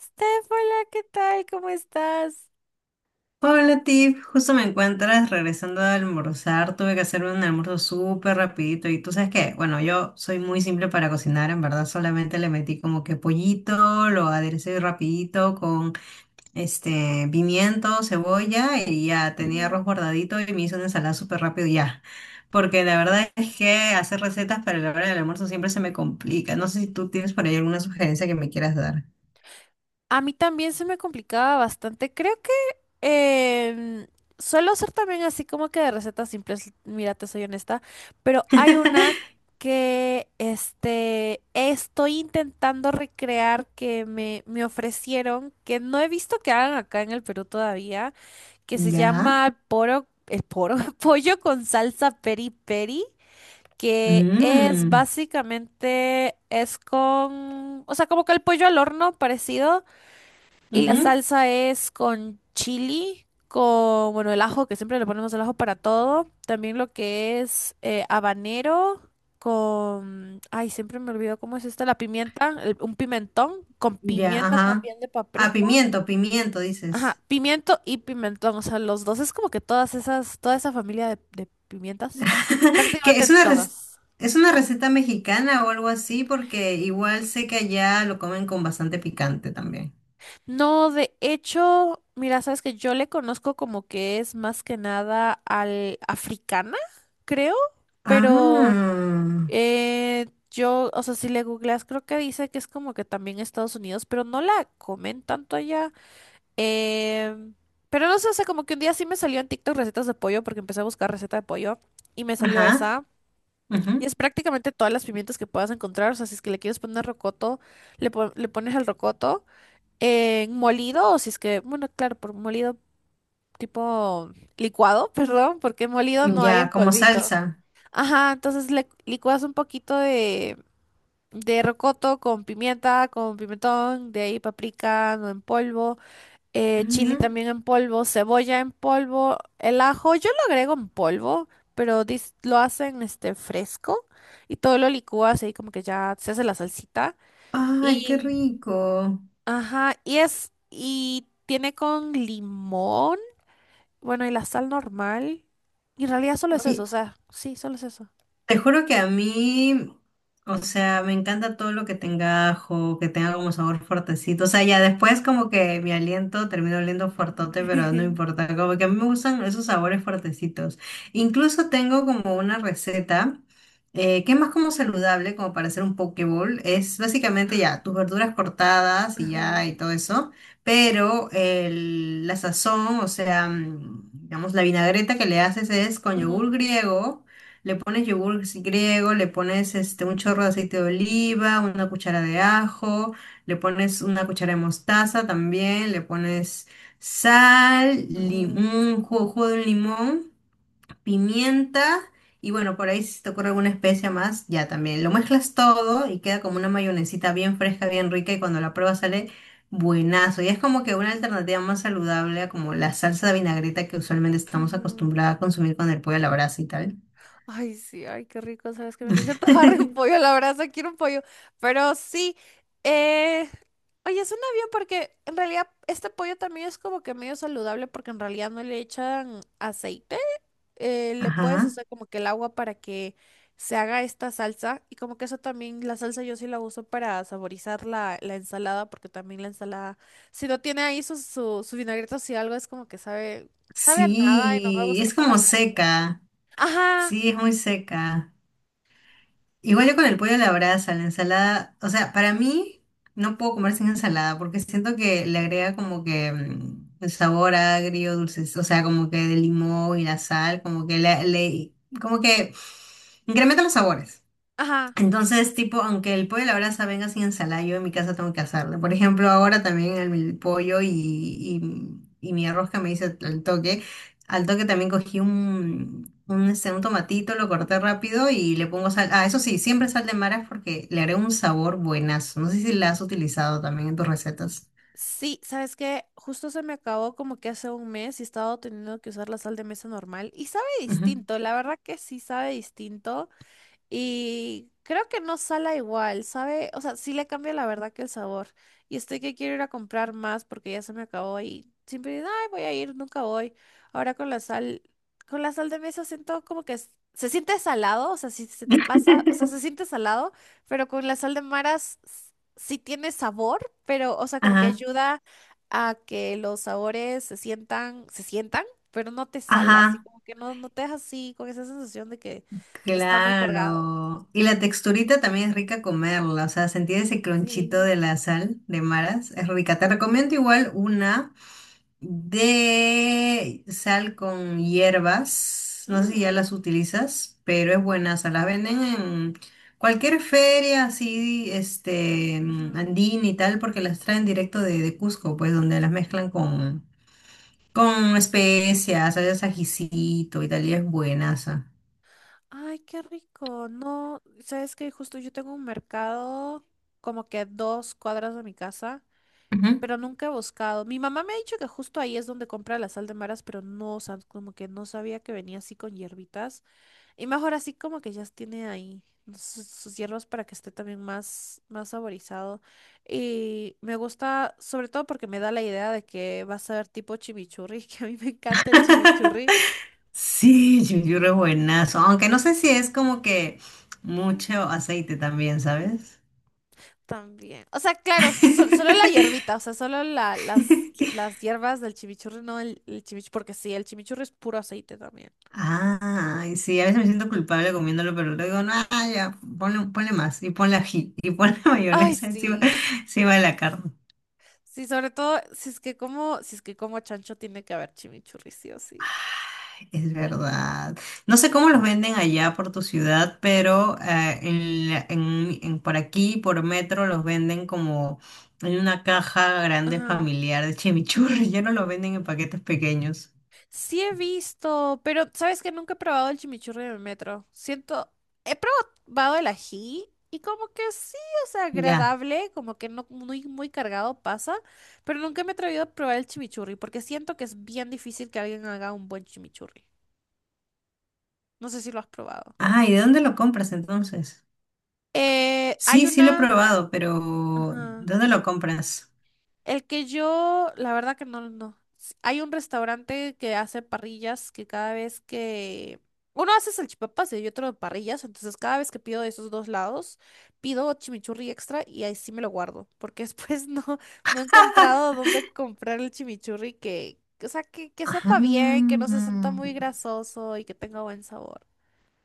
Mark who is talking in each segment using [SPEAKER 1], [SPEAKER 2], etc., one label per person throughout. [SPEAKER 1] Steph, hola, ¿qué tal? ¿Cómo estás?
[SPEAKER 2] Hola Tiff, justo me encuentras regresando a almorzar, tuve que hacerme un almuerzo súper rapidito y tú sabes que, bueno, yo soy muy simple para cocinar, en verdad solamente le metí como que pollito, lo aderecé rapidito con este pimiento, cebolla y ya tenía
[SPEAKER 1] Mm,
[SPEAKER 2] arroz guardadito y me hice una ensalada súper rápido y ya, porque la verdad es que hacer recetas para la hora del almuerzo siempre se me complica, no sé si tú tienes por ahí alguna sugerencia que me quieras dar.
[SPEAKER 1] A mí también se me complicaba bastante. Creo que em, suelo hacer también así como que de recetas simples, mira, te soy honesta, pero hay una que estoy intentando recrear que me ofrecieron, que no he visto que hagan acá en el Perú todavía, que se
[SPEAKER 2] ¿Ya?
[SPEAKER 1] llama pollo con salsa peri peri. Que es
[SPEAKER 2] Mmm.
[SPEAKER 1] básicamente, o sea, como que el pollo al horno parecido, y la salsa es con chili, con, bueno, el ajo, que siempre le ponemos el ajo para todo, también lo que es habanero con, ay, siempre me olvido cómo es esta, la pimienta, un pimentón, con
[SPEAKER 2] Ya,
[SPEAKER 1] pimienta
[SPEAKER 2] ajá.
[SPEAKER 1] también de
[SPEAKER 2] Ah,
[SPEAKER 1] paprika.
[SPEAKER 2] pimiento, pimiento,
[SPEAKER 1] Ajá,
[SPEAKER 2] dices.
[SPEAKER 1] pimiento y pimentón, o sea, los dos es como que todas esas, toda esa familia de pimientas,
[SPEAKER 2] Que
[SPEAKER 1] prácticamente
[SPEAKER 2] es una rec-
[SPEAKER 1] todas.
[SPEAKER 2] Es una receta mexicana o algo así, porque igual sé que allá lo comen con bastante picante también.
[SPEAKER 1] No, de hecho, mira, sabes que yo le conozco como que es más que nada al africana, creo, pero
[SPEAKER 2] Ah,
[SPEAKER 1] o sea, si le googleas, creo que dice que es como que también Estados Unidos, pero no la comen tanto allá. Em, pero no sé, o sea, como que un día sí me salió en TikTok recetas de pollo, porque empecé a buscar receta de pollo y me salió
[SPEAKER 2] ajá.
[SPEAKER 1] esa.
[SPEAKER 2] Ujú.
[SPEAKER 1] Y es prácticamente todas las pimientas que puedas encontrar, o sea, si es que le quieres poner rocoto, le pones el rocoto. En molido, o si es que, bueno, claro, por molido tipo licuado, perdón, porque molido no hay
[SPEAKER 2] Ya,
[SPEAKER 1] en
[SPEAKER 2] como
[SPEAKER 1] polvito.
[SPEAKER 2] salsa.
[SPEAKER 1] Ajá, entonces le licuas un poquito de rocoto con pimienta, con pimentón, de ahí paprika no en polvo,
[SPEAKER 2] Ujú.
[SPEAKER 1] chili también en polvo, cebolla en polvo, el ajo, yo lo agrego en polvo, pero lo hacen este fresco y todo lo licúas ahí como que ya se hace la salsita.
[SPEAKER 2] Ay, qué rico.
[SPEAKER 1] Ajá, y es, y tiene con limón, bueno, y la sal normal. Y en realidad solo es eso, o
[SPEAKER 2] Oye,
[SPEAKER 1] sea, sí, solo es eso.
[SPEAKER 2] te juro que a mí, o sea, me encanta todo lo que tenga ajo, que tenga como sabor fuertecito. O sea, ya después como que mi aliento termina oliendo fuertote, pero no importa. Como que a mí me gustan esos sabores fuertecitos. Incluso tengo como una receta que es más como saludable, como para hacer un poke bowl. Es básicamente ya tus verduras cortadas y ya
[SPEAKER 1] Ajá,
[SPEAKER 2] y todo eso, pero la sazón, o sea, mm, digamos, la vinagreta que le haces es con yogur
[SPEAKER 1] ujú,
[SPEAKER 2] griego, le pones yogur griego, le pones este, un chorro de aceite de oliva, una cuchara de ajo, le pones una cuchara de mostaza también, le pones sal,
[SPEAKER 1] ujú,
[SPEAKER 2] un jugo, jugo de un limón, pimienta y bueno, por ahí si te ocurre alguna especia más, ya también. Lo mezclas todo y queda como una mayonesita bien fresca, bien rica y cuando la pruebas sale buenazo. Y es como que una alternativa más saludable a como la salsa de vinagreta que usualmente estamos
[SPEAKER 1] ujú.
[SPEAKER 2] acostumbrados a consumir con el pollo a la brasa y tal.
[SPEAKER 1] Ay, sí, ay, qué rico, sabes que me hace. Yo estaba re un pollo, la verdad, se quiero un pollo. Pero sí, eh, oye, suena bien porque en realidad este pollo también es como que medio saludable porque en realidad no le echan aceite. Le puedes
[SPEAKER 2] Ajá.
[SPEAKER 1] hacer como que el agua para que se haga esta salsa y como que eso también, la salsa yo sí la uso para saborizar la ensalada porque también la ensalada, si no tiene ahí su vinagreta o si algo es como que sabe, sabe a nada y no me
[SPEAKER 2] Sí,
[SPEAKER 1] gusta,
[SPEAKER 2] es
[SPEAKER 1] no la
[SPEAKER 2] como
[SPEAKER 1] paso.
[SPEAKER 2] seca.
[SPEAKER 1] Ajá,
[SPEAKER 2] Sí, es muy seca. Igual yo con el pollo a la brasa, la ensalada, o sea, para mí no puedo comer sin ensalada porque siento que le agrega como que mm, el sabor agrio, dulce, o sea, como que de limón y la sal, como que como que incrementa los sabores.
[SPEAKER 1] ajá.
[SPEAKER 2] Entonces, tipo, aunque el pollo a la brasa venga sin ensalada, yo en mi casa tengo que hacerlo. Por ejemplo, ahora también el, mi pollo y mi arroz que me hice al toque. Al toque también cogí este, un tomatito, lo corté rápido y le pongo sal. Ah, eso sí, siempre sal de maras porque le haré un sabor buenazo. No sé si la has utilizado también en tus recetas.
[SPEAKER 1] Sí, ¿sabes qué? Justo se me acabó como que hace un mes y he estado teniendo que usar la sal de mesa normal y sabe
[SPEAKER 2] Ujú.
[SPEAKER 1] distinto, la verdad que sí sabe distinto. Y creo que no sala igual, ¿sabe? O sea, sí le cambia la verdad que el sabor. Y estoy que quiero ir a comprar más porque ya se me acabó y siempre digo, ay, voy a ir, nunca voy. Ahora con la sal, Con la sal de mesa siento como que se siente salado, o sea, si se te pasa, o sea, se siente salado, pero con la sal de maras sí tiene sabor, pero, o sea, como que
[SPEAKER 2] Ajá,
[SPEAKER 1] ayuda a que los sabores se sientan, pero no te sala, así
[SPEAKER 2] ajá.
[SPEAKER 1] como que no, no te deja así con esa sensación de que está muy cargado.
[SPEAKER 2] Claro. Y la texturita también es rica comerla, o sea, sentir ese cronchito
[SPEAKER 1] Sí.
[SPEAKER 2] de la sal de maras es rica. Te recomiendo igual una de sal con hierbas, no sé si ya
[SPEAKER 1] Mm,
[SPEAKER 2] las utilizas, pero es buena, o sea, las venden en cualquier feria así, este, mm,
[SPEAKER 1] ujú.
[SPEAKER 2] andina y tal, porque las traen directo de Cusco, pues, donde las mezclan con especias, ¿sabes? Ajicito y tal, y es buenaza.
[SPEAKER 1] Ay, qué rico. No, sabes que justo yo tengo un mercado como que a dos cuadras de mi casa,
[SPEAKER 2] Ujú.
[SPEAKER 1] pero nunca he buscado. Mi mamá me ha dicho que justo ahí es donde compra la sal de maras, pero no, o sea, como que no sabía que venía así con hierbitas. Y mejor así como que ya tiene ahí sus hierbas para que esté también más saborizado. Y me gusta, sobre todo porque me da la idea de que va a ser tipo chimichurri, que a mí me encanta el chimichurri.
[SPEAKER 2] Sí, Yuyuru es buenazo, aunque no sé si es como que mucho aceite también, ¿sabes?
[SPEAKER 1] También. O sea, claro, solo la hierbita, o sea, solo las hierbas del chimichurri, no el chimichurri, porque sí, el chimichurri es puro aceite también.
[SPEAKER 2] Ay, sí, a veces me siento culpable comiéndolo, pero luego digo, no, ah, ya, ponle, ponle más, y ponle ají, y ponle
[SPEAKER 1] Ay,
[SPEAKER 2] mayonesa encima,
[SPEAKER 1] sí.
[SPEAKER 2] encima de la carne.
[SPEAKER 1] Sí, sobre todo, si es que como, si es que como chancho tiene que haber chimichurri, sí o sí.
[SPEAKER 2] Es verdad. No sé cómo los venden allá por tu ciudad, pero en, la- en- por aquí, por metro, los venden como en una caja grande
[SPEAKER 1] Ajá.
[SPEAKER 2] familiar de chimichurri. Ya no los venden en paquetes pequeños.
[SPEAKER 1] Sí he visto, pero sabes que nunca he probado el chimichurri en el metro. Siento, he probado el ají y como que sí, o sea,
[SPEAKER 2] Ya.
[SPEAKER 1] agradable, como que no muy, muy cargado pasa, pero nunca me he atrevido a probar el chimichurri porque siento que es bien difícil que alguien haga un buen chimichurri. No sé si lo has probado.
[SPEAKER 2] Ah, ¿y de dónde lo compras entonces?
[SPEAKER 1] Hay
[SPEAKER 2] Sí, sí lo he
[SPEAKER 1] una...
[SPEAKER 2] probado, pero ¿de
[SPEAKER 1] Ajá.
[SPEAKER 2] dónde lo compras?
[SPEAKER 1] El que yo, la verdad que no. Hay un restaurante que hace parrillas que cada vez que... Uno hace salchipapas y otro parrillas, entonces cada vez que pido de esos dos lados, pido chimichurri extra y ahí sí me lo guardo, porque después no, no he encontrado dónde comprar el chimichurri o sea, que
[SPEAKER 2] Ajá.
[SPEAKER 1] sepa bien, que no se sienta muy grasoso y que tenga buen sabor.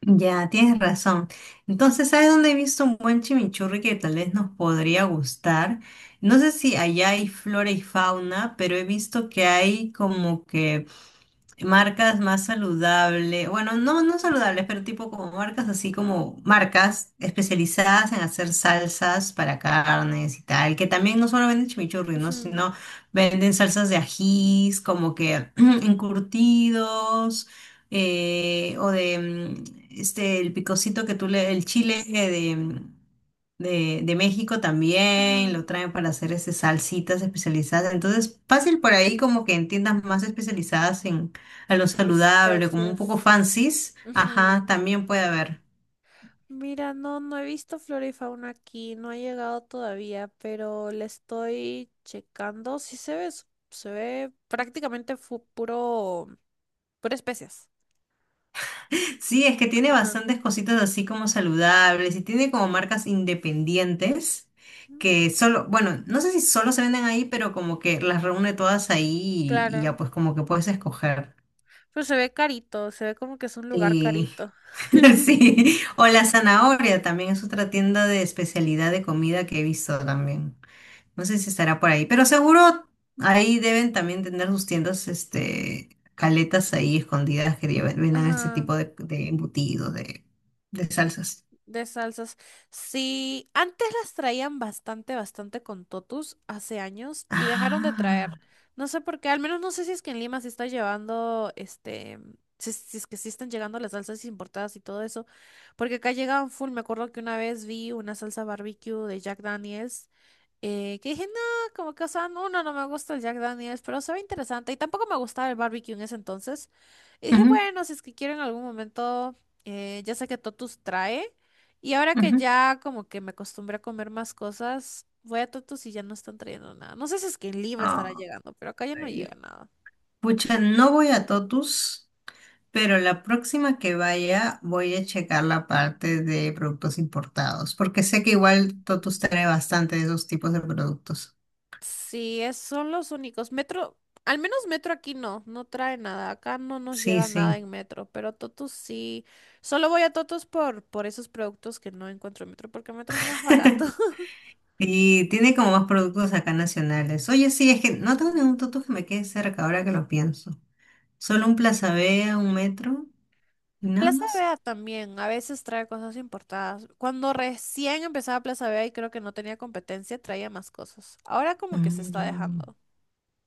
[SPEAKER 2] Ya, tienes razón. Entonces, ¿sabes dónde he visto un buen chimichurri que tal vez nos podría gustar? No sé si allá hay flora y fauna, pero he visto que hay como que marcas más saludables, bueno, no, no saludables,
[SPEAKER 1] Ujú,
[SPEAKER 2] pero tipo como marcas así como marcas especializadas en hacer salsas para carnes y tal, que también no solo venden chimichurri, ¿no?,
[SPEAKER 1] ujú,
[SPEAKER 2] sino venden salsas de ajís, como que encurtidos, o de mm, este, el picocito que tú le, el chile de México también,
[SPEAKER 1] ujú,
[SPEAKER 2] lo traen para hacer este, salsitas especializadas. Entonces, fácil por ahí como que en tiendas más especializadas en, a lo
[SPEAKER 1] de
[SPEAKER 2] saludable, como un poco
[SPEAKER 1] especies.
[SPEAKER 2] fancies, ajá,
[SPEAKER 1] Ujú.
[SPEAKER 2] también puede haber.
[SPEAKER 1] Mira, no, no he visto flora y fauna aquí, no ha llegado todavía, pero le estoy checando. Sí se ve, se ve prácticamente puro, pura especies.
[SPEAKER 2] Sí, es que tiene
[SPEAKER 1] Ajá.
[SPEAKER 2] bastantes cositas así como saludables y tiene como marcas independientes
[SPEAKER 1] Mm,
[SPEAKER 2] que solo, bueno, no sé si solo se venden ahí, pero como que las reúne todas ahí y ya
[SPEAKER 1] claro,
[SPEAKER 2] pues como que puedes escoger.
[SPEAKER 1] pero se ve carito, se ve como que es un lugar
[SPEAKER 2] Sí.
[SPEAKER 1] carito.
[SPEAKER 2] Sí, o la zanahoria también es otra tienda de especialidad de comida que he visto también. No sé si estará por ahí, pero seguro ahí deben también tener sus tiendas, este, caletas ahí escondidas que vendan ese
[SPEAKER 1] Ajá.
[SPEAKER 2] tipo de embutido, de salsas.
[SPEAKER 1] De salsas. Sí, antes las traían bastante, bastante con Totus hace años y dejaron de traer.
[SPEAKER 2] Ah,
[SPEAKER 1] No sé por qué, al menos no sé si es que en Lima se está llevando, este, si es que sí están llegando las salsas importadas y todo eso, porque acá llegaban full. Me acuerdo que una vez vi una salsa barbecue de Jack Daniels, que dije, no, como que, o sea, no, no me gusta el Jack Daniels, pero se ve interesante y tampoco me gustaba el barbecue en ese entonces. Y dije,
[SPEAKER 2] ujú,
[SPEAKER 1] bueno, si es que quiero en algún momento, ya sé que Totus trae, y ahora que
[SPEAKER 2] ujú.
[SPEAKER 1] ya como que me acostumbré a comer más cosas, voy a Totus y ya no están trayendo nada. No sé si es que en Lima estará llegando, pero acá ya no
[SPEAKER 2] Ay,
[SPEAKER 1] llega nada.
[SPEAKER 2] pucha, no voy a Totus, pero la próxima que vaya voy a checar la parte de productos importados, porque sé que igual Totus trae bastante de esos tipos de productos.
[SPEAKER 1] Sí, son los únicos. Metro, al menos metro aquí no, no trae nada. Acá no nos
[SPEAKER 2] Sí,
[SPEAKER 1] llega nada
[SPEAKER 2] sí.
[SPEAKER 1] en metro, pero Totus sí. Solo voy a Totus por esos productos que no encuentro en metro, porque metro es más barato.
[SPEAKER 2] Y tiene como más productos acá nacionales. Oye, sí, es que no tengo ningún
[SPEAKER 1] Mm.
[SPEAKER 2] Totus que me quede cerca ahora que lo pienso. Solo un Plaza Vea, un metro y nada
[SPEAKER 1] Plaza
[SPEAKER 2] más.
[SPEAKER 1] Vea también, a veces trae cosas importadas. Cuando recién empezaba Plaza Vea y creo que no tenía competencia, traía más cosas. Ahora como que se está
[SPEAKER 2] Mm.
[SPEAKER 1] dejando.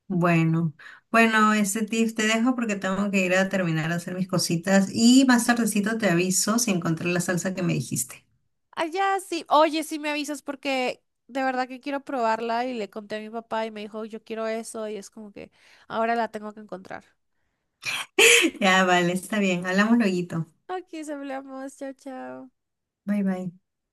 [SPEAKER 2] Bueno, bueno, este tip te dejo porque tengo que ir a terminar a hacer mis cositas y más tardecito te aviso si encontré la salsa que me dijiste.
[SPEAKER 1] Allá sí. Oye, sí me avisas porque de verdad que quiero probarla y le conté a mi papá y me dijo, yo quiero eso y es como que ahora la tengo que encontrar.
[SPEAKER 2] Ya, vale, está bien. Hablamos lueguito.
[SPEAKER 1] Aquí hablamos. Chao, chao.
[SPEAKER 2] Bye, bye.